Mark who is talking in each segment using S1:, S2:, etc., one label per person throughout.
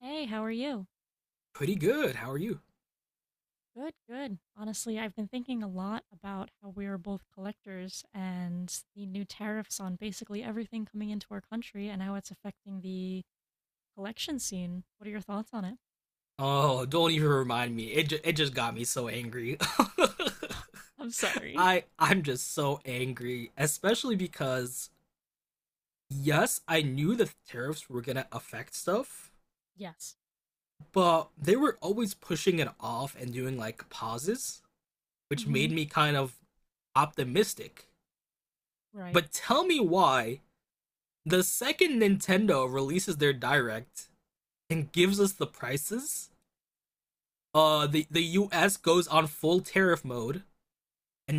S1: Hey, how are you?
S2: Pretty good. How are you?
S1: Good, good. Honestly, I've been thinking a lot about how we are both collectors and the new tariffs on basically everything coming into our country and how it's affecting the collection scene. What are your thoughts on it?
S2: Oh, don't even remind me. It just got me so angry.
S1: I'm sorry.
S2: I'm just so angry, especially because yes, I knew the tariffs were gonna affect stuff,
S1: Yes.
S2: but they were always pushing it off and doing like pauses, which
S1: Mm-hmm.
S2: made me kind of optimistic.
S1: Right.
S2: But tell me why the second Nintendo releases their direct and gives us the prices, the US goes on full tariff mode,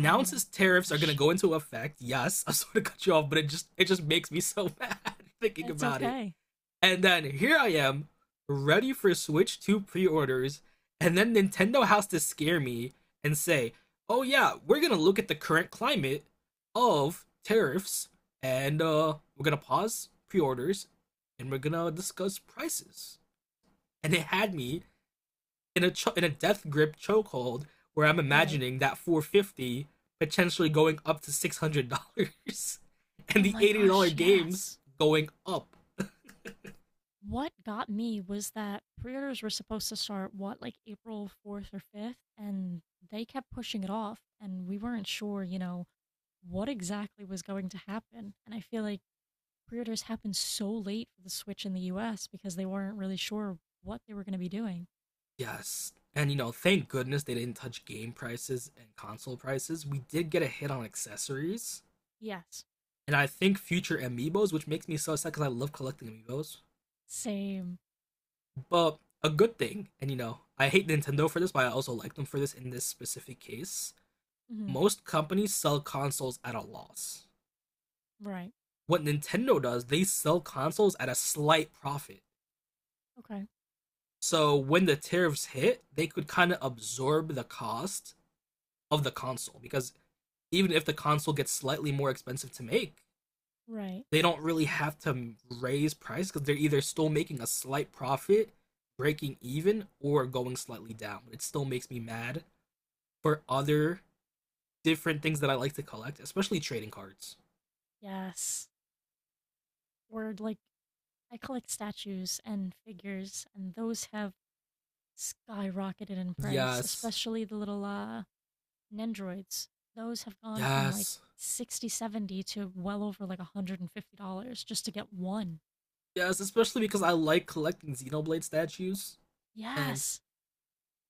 S1: Oh my
S2: tariffs are gonna
S1: gosh.
S2: go into effect. Yes, I sort of cut you off, but it just makes me so mad thinking
S1: It's
S2: about it.
S1: okay.
S2: And then here I am, ready for Switch 2 pre-orders, and then Nintendo has to scare me and say, "Oh yeah, we're gonna look at the current climate of tariffs, and we're gonna pause pre-orders, and we're gonna discuss prices." And it had me in a death grip chokehold where I'm
S1: Right.
S2: imagining that 450 potentially going up to $600,
S1: Oh
S2: and the
S1: my
S2: $80
S1: gosh,
S2: games
S1: yes.
S2: going up.
S1: What got me was that pre-orders were supposed to start, what, like April 4th or 5th, and they kept pushing it off, and we weren't sure, you know, what exactly was going to happen. And I feel like pre-orders happened so late for the Switch in the US because they weren't really sure what they were going to be doing.
S2: Yes. And you know, thank goodness they didn't touch game prices and console prices. We did get a hit on accessories
S1: Yes.
S2: and I think future amiibos, which makes me so sad because I love collecting amiibos.
S1: Same.
S2: But a good thing, and you know, I hate Nintendo for this, but I also like them for this in this specific case.
S1: Hmm.
S2: Most companies sell consoles at a loss.
S1: Right.
S2: What Nintendo does, they sell consoles at a slight profit.
S1: Okay.
S2: So when the tariffs hit, they could kind of absorb the cost of the console because even if the console gets slightly more expensive to make,
S1: Right.
S2: they don't really have to raise price because they're either still making a slight profit, breaking even, or going slightly down. It still makes me mad for other different things that I like to collect, especially trading cards.
S1: Yes. Or like I collect statues and figures and those have skyrocketed in price,
S2: Yes,
S1: especially the little Nendroids. Those have gone from like
S2: yes,
S1: 60, 70 to well over like $150 just to get one.
S2: yes, especially because I like collecting Xenoblade statues. And
S1: Yes.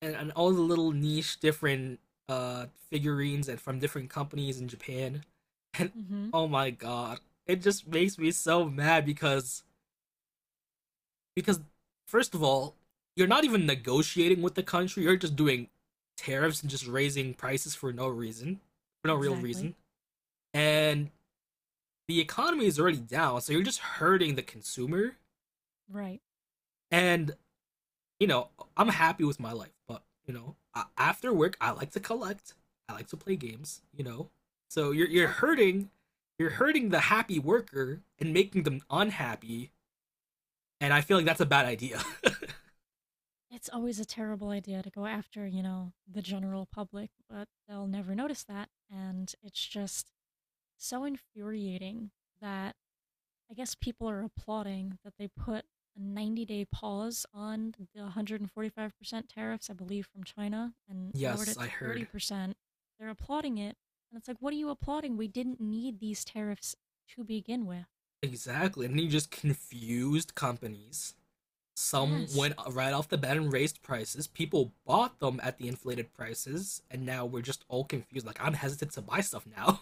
S2: and all the little niche different uh figurines and from different companies in Japan. And
S1: Hmm.
S2: oh my god, it just makes me so mad because because first of all, you're not even negotiating with the country, you're just doing tariffs and just raising prices for no reason, for no real
S1: Exactly.
S2: reason. And the economy is already down, so you're just hurting the consumer.
S1: Right.
S2: And you know, I'm happy with my life, but you know, after work, I like to collect. I like to play games. You know, so
S1: Exactly.
S2: you're hurting the happy worker and making them unhappy. And I feel like that's a bad idea.
S1: It's always a terrible idea to go after, you know, the general public, but they'll never notice that. And it's just so infuriating that I guess people are applauding that they put a 90-day pause on the 145% tariffs, I believe, from China and lowered
S2: Yes,
S1: it
S2: I
S1: to
S2: heard
S1: 30%. They're applauding it. And it's like, what are you applauding? We didn't need these tariffs to begin with.
S2: exactly. And you just confused companies. Some
S1: Yes.
S2: went right off the bat and raised prices. People bought them at the inflated prices, and now we're just all confused. Like I'm hesitant to buy stuff now.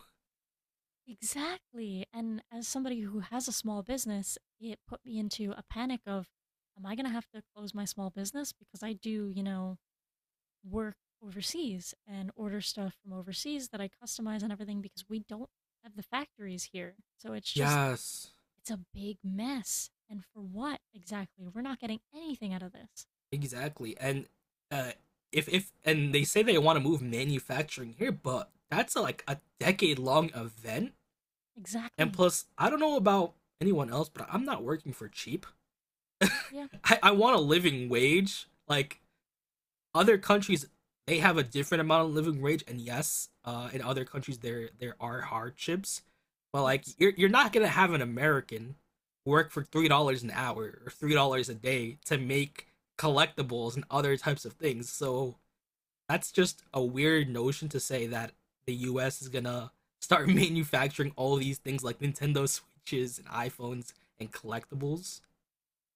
S1: Exactly. And as somebody who has a small business, it put me into a panic of, am I going to have to close my small business? Because I do, you know, work overseas and order stuff from overseas that I customize and everything because we don't have the factories here. So it's just,
S2: Yes,
S1: it's a big mess. And for what exactly? We're not getting anything out of this.
S2: exactly. And uh if and they say they want to move manufacturing here, but that's a, like a decade long event. And
S1: Exactly.
S2: plus, I don't know about anyone else, but I'm not working for cheap.
S1: Yeah.
S2: I want a living wage. Like other countries, they have a different amount of living wage, and yes, in other countries there are hardships, but like
S1: Yes.
S2: you're not gonna have an American work for $3 an hour or $3 a day to make collectibles and other types of things. So that's just a weird notion to say that the US is gonna start manufacturing all these things like Nintendo Switches and iPhones and collectibles.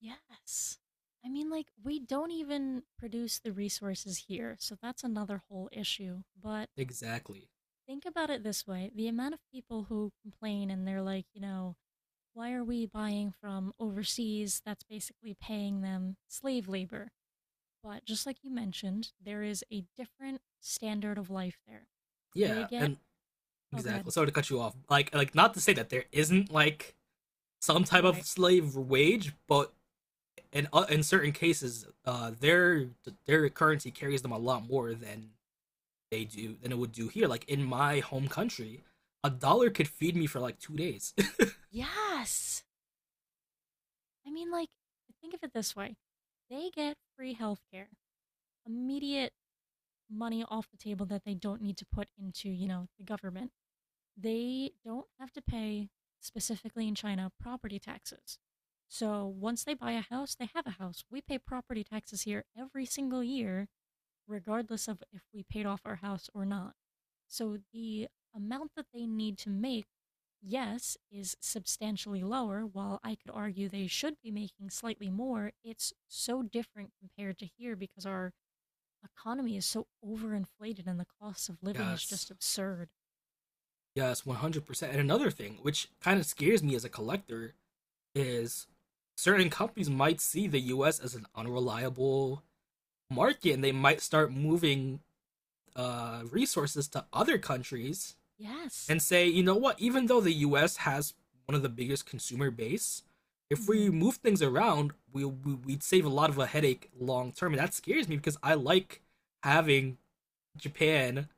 S1: Yes. I mean, like, we don't even produce the resources here, so that's another whole issue. But
S2: Exactly.
S1: think about it this way, the amount of people who complain and they're like, you know, why are we buying from overseas? That's basically paying them slave labor. But just like you mentioned, there is a different standard of life there. They
S2: Yeah,
S1: get,
S2: and
S1: oh, go
S2: exactly.
S1: ahead.
S2: Sorry to cut you off. Like not to say that there isn't like some type of
S1: Right.
S2: slave wage, but in certain cases, their currency carries them a lot more than they do than it would do here. Like in my home country, a dollar could feed me for like 2 days.
S1: Yes. I mean, like, think of it this way, they get free healthcare, immediate money off the table that they don't need to put into, you know, the government. They don't have to pay, specifically in China, property taxes. So once they buy a house, they have a house. We pay property taxes here every single year, regardless of if we paid off our house or not. So the amount that they need to make, yes, is substantially lower. While I could argue they should be making slightly more, it's so different compared to here because our economy is so overinflated and the cost of living is
S2: Yes,
S1: just absurd.
S2: yes, 100%. And another thing, which kind of scares me as a collector, is certain companies might see the US as an unreliable market and they might start moving resources to other countries
S1: Yes.
S2: and say, you know what, even though the US has one of the biggest consumer base, if
S1: Hmm.
S2: we move things around, we'd save a lot of a headache long term. And that scares me because I like having Japan,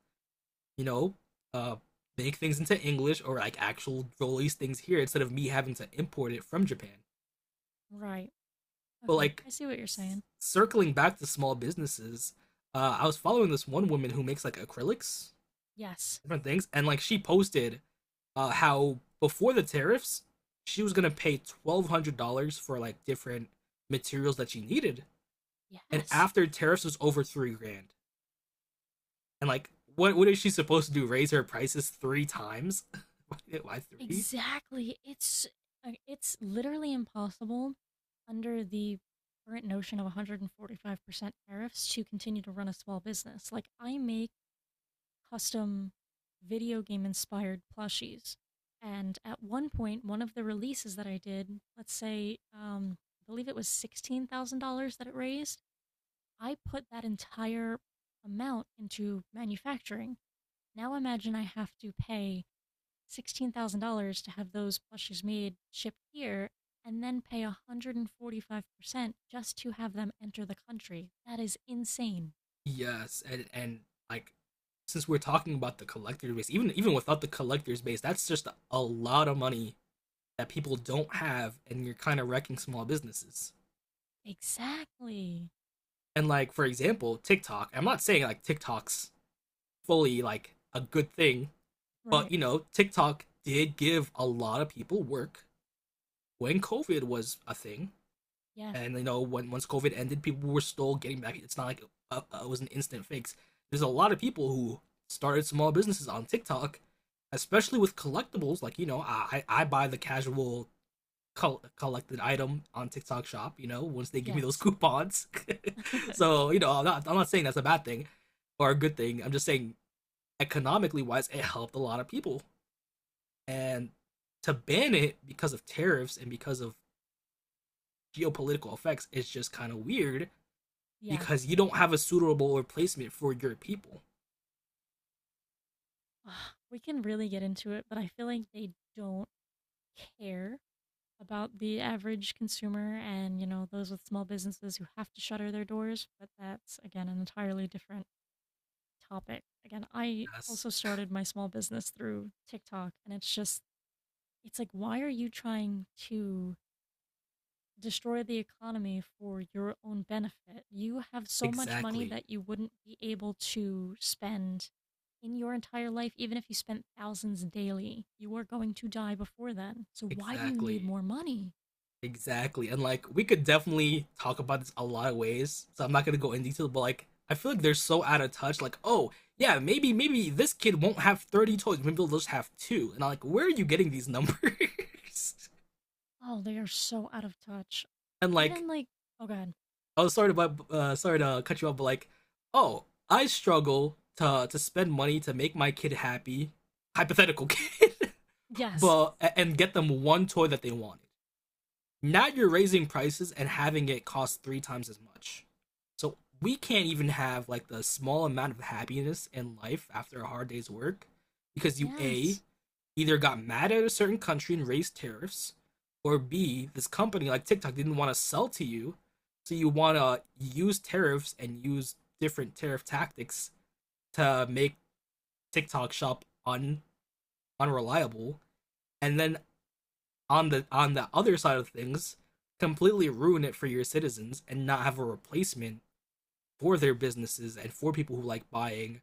S2: you know, uh, make things into English or like actual release things here instead of me having to import it from Japan.
S1: Right.
S2: But
S1: Okay.
S2: like
S1: I see what you're saying.
S2: circling back to small businesses, I was following this one woman who makes like acrylics,
S1: Yes.
S2: different things, and like she posted how before the tariffs, she was gonna pay $1,200 for like different materials that she needed, and
S1: Yes.
S2: after tariffs was over 3 grand, and like what is she supposed to do? Raise her prices three times? Why three?
S1: Exactly. It's literally impossible under the current notion of 145% tariffs to continue to run a small business. Like I make custom video game inspired plushies. And at one point, one of the releases that I did, let's say, I believe it was $16,000 that it raised, I put that entire amount into manufacturing. Now imagine I have to pay $16,000 to have those plushies made, shipped here, and then pay 145% just to have them enter the country. That is insane.
S2: Yes, and like since we're talking about the collector base, even without the collector's base, that's just a lot of money that people don't have, and you're kind of wrecking small businesses.
S1: Exactly.
S2: And like for example, TikTok. I'm not saying like TikTok's fully like a good thing, but
S1: Right.
S2: you know, TikTok did give a lot of people work when COVID was a thing,
S1: Yes.
S2: and you know when once COVID ended, people were still getting back. It's not like it was an instant fix. There's a lot of people who started small businesses on TikTok, especially with collectibles. Like you know, I buy the casual collected item on TikTok Shop. You know, once they give me those
S1: Yes.
S2: coupons. So you know, I'm not saying that's a bad thing or a good thing. I'm just saying economically wise, it helped a lot of people. And to ban it because of tariffs and because of geopolitical effects is just kind of weird because
S1: Yes.
S2: you don't have a suitable replacement for your people.
S1: Ugh, we can really get into it, but I feel like they don't care about the average consumer and, you know, those with small businesses who have to shutter their doors. But that's, again, an entirely different topic. Again, I
S2: Yes,
S1: also started my small business through TikTok, and it's just, it's like, why are you trying to destroy the economy for your own benefit? You have so much money
S2: exactly,
S1: that you wouldn't be able to spend in your entire life, even if you spent thousands daily. You are going to die before then. So, why do you need
S2: exactly,
S1: more money?
S2: exactly. And like we could definitely talk about this a lot of ways, so I'm not gonna go in detail. But like I feel like they're so out of touch. Like oh yeah, maybe this kid won't have 30 toys. Maybe they'll just have two. And I'm like, where are you getting these numbers?
S1: Oh, they are so out of touch.
S2: And like
S1: Even like, oh God.
S2: I was sorry to sorry to cut you off, but like oh I struggle to spend money to make my kid happy. Hypothetical kid.
S1: Yes.
S2: But and get them one toy that they wanted. Now you're raising prices and having it cost three times as much. So we can't even have like the small amount of happiness in life after a hard day's work because you a
S1: Yes.
S2: either got mad at a certain country and raised tariffs, or b this company like TikTok didn't want to sell to you, so you want to use tariffs and use different tariff tactics to make TikTok shop un unreliable. And then on the other side of things completely ruin it for your citizens and not have a replacement for their businesses and for people who like buying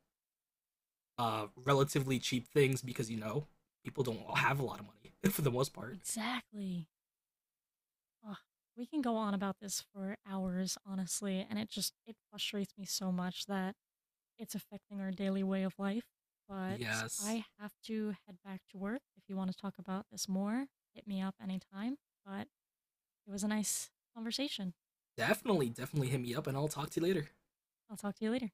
S2: relatively cheap things because you know people don't have a lot of money for the most part.
S1: Exactly. Ugh. We can go on about this for hours, honestly, and it just it frustrates me so much that it's affecting our daily way of life. But
S2: Yes,
S1: I have to head back to work. If you want to talk about this more, hit me up anytime. But it was a nice conversation.
S2: definitely hit me up and I'll talk to you later.
S1: I'll talk to you later.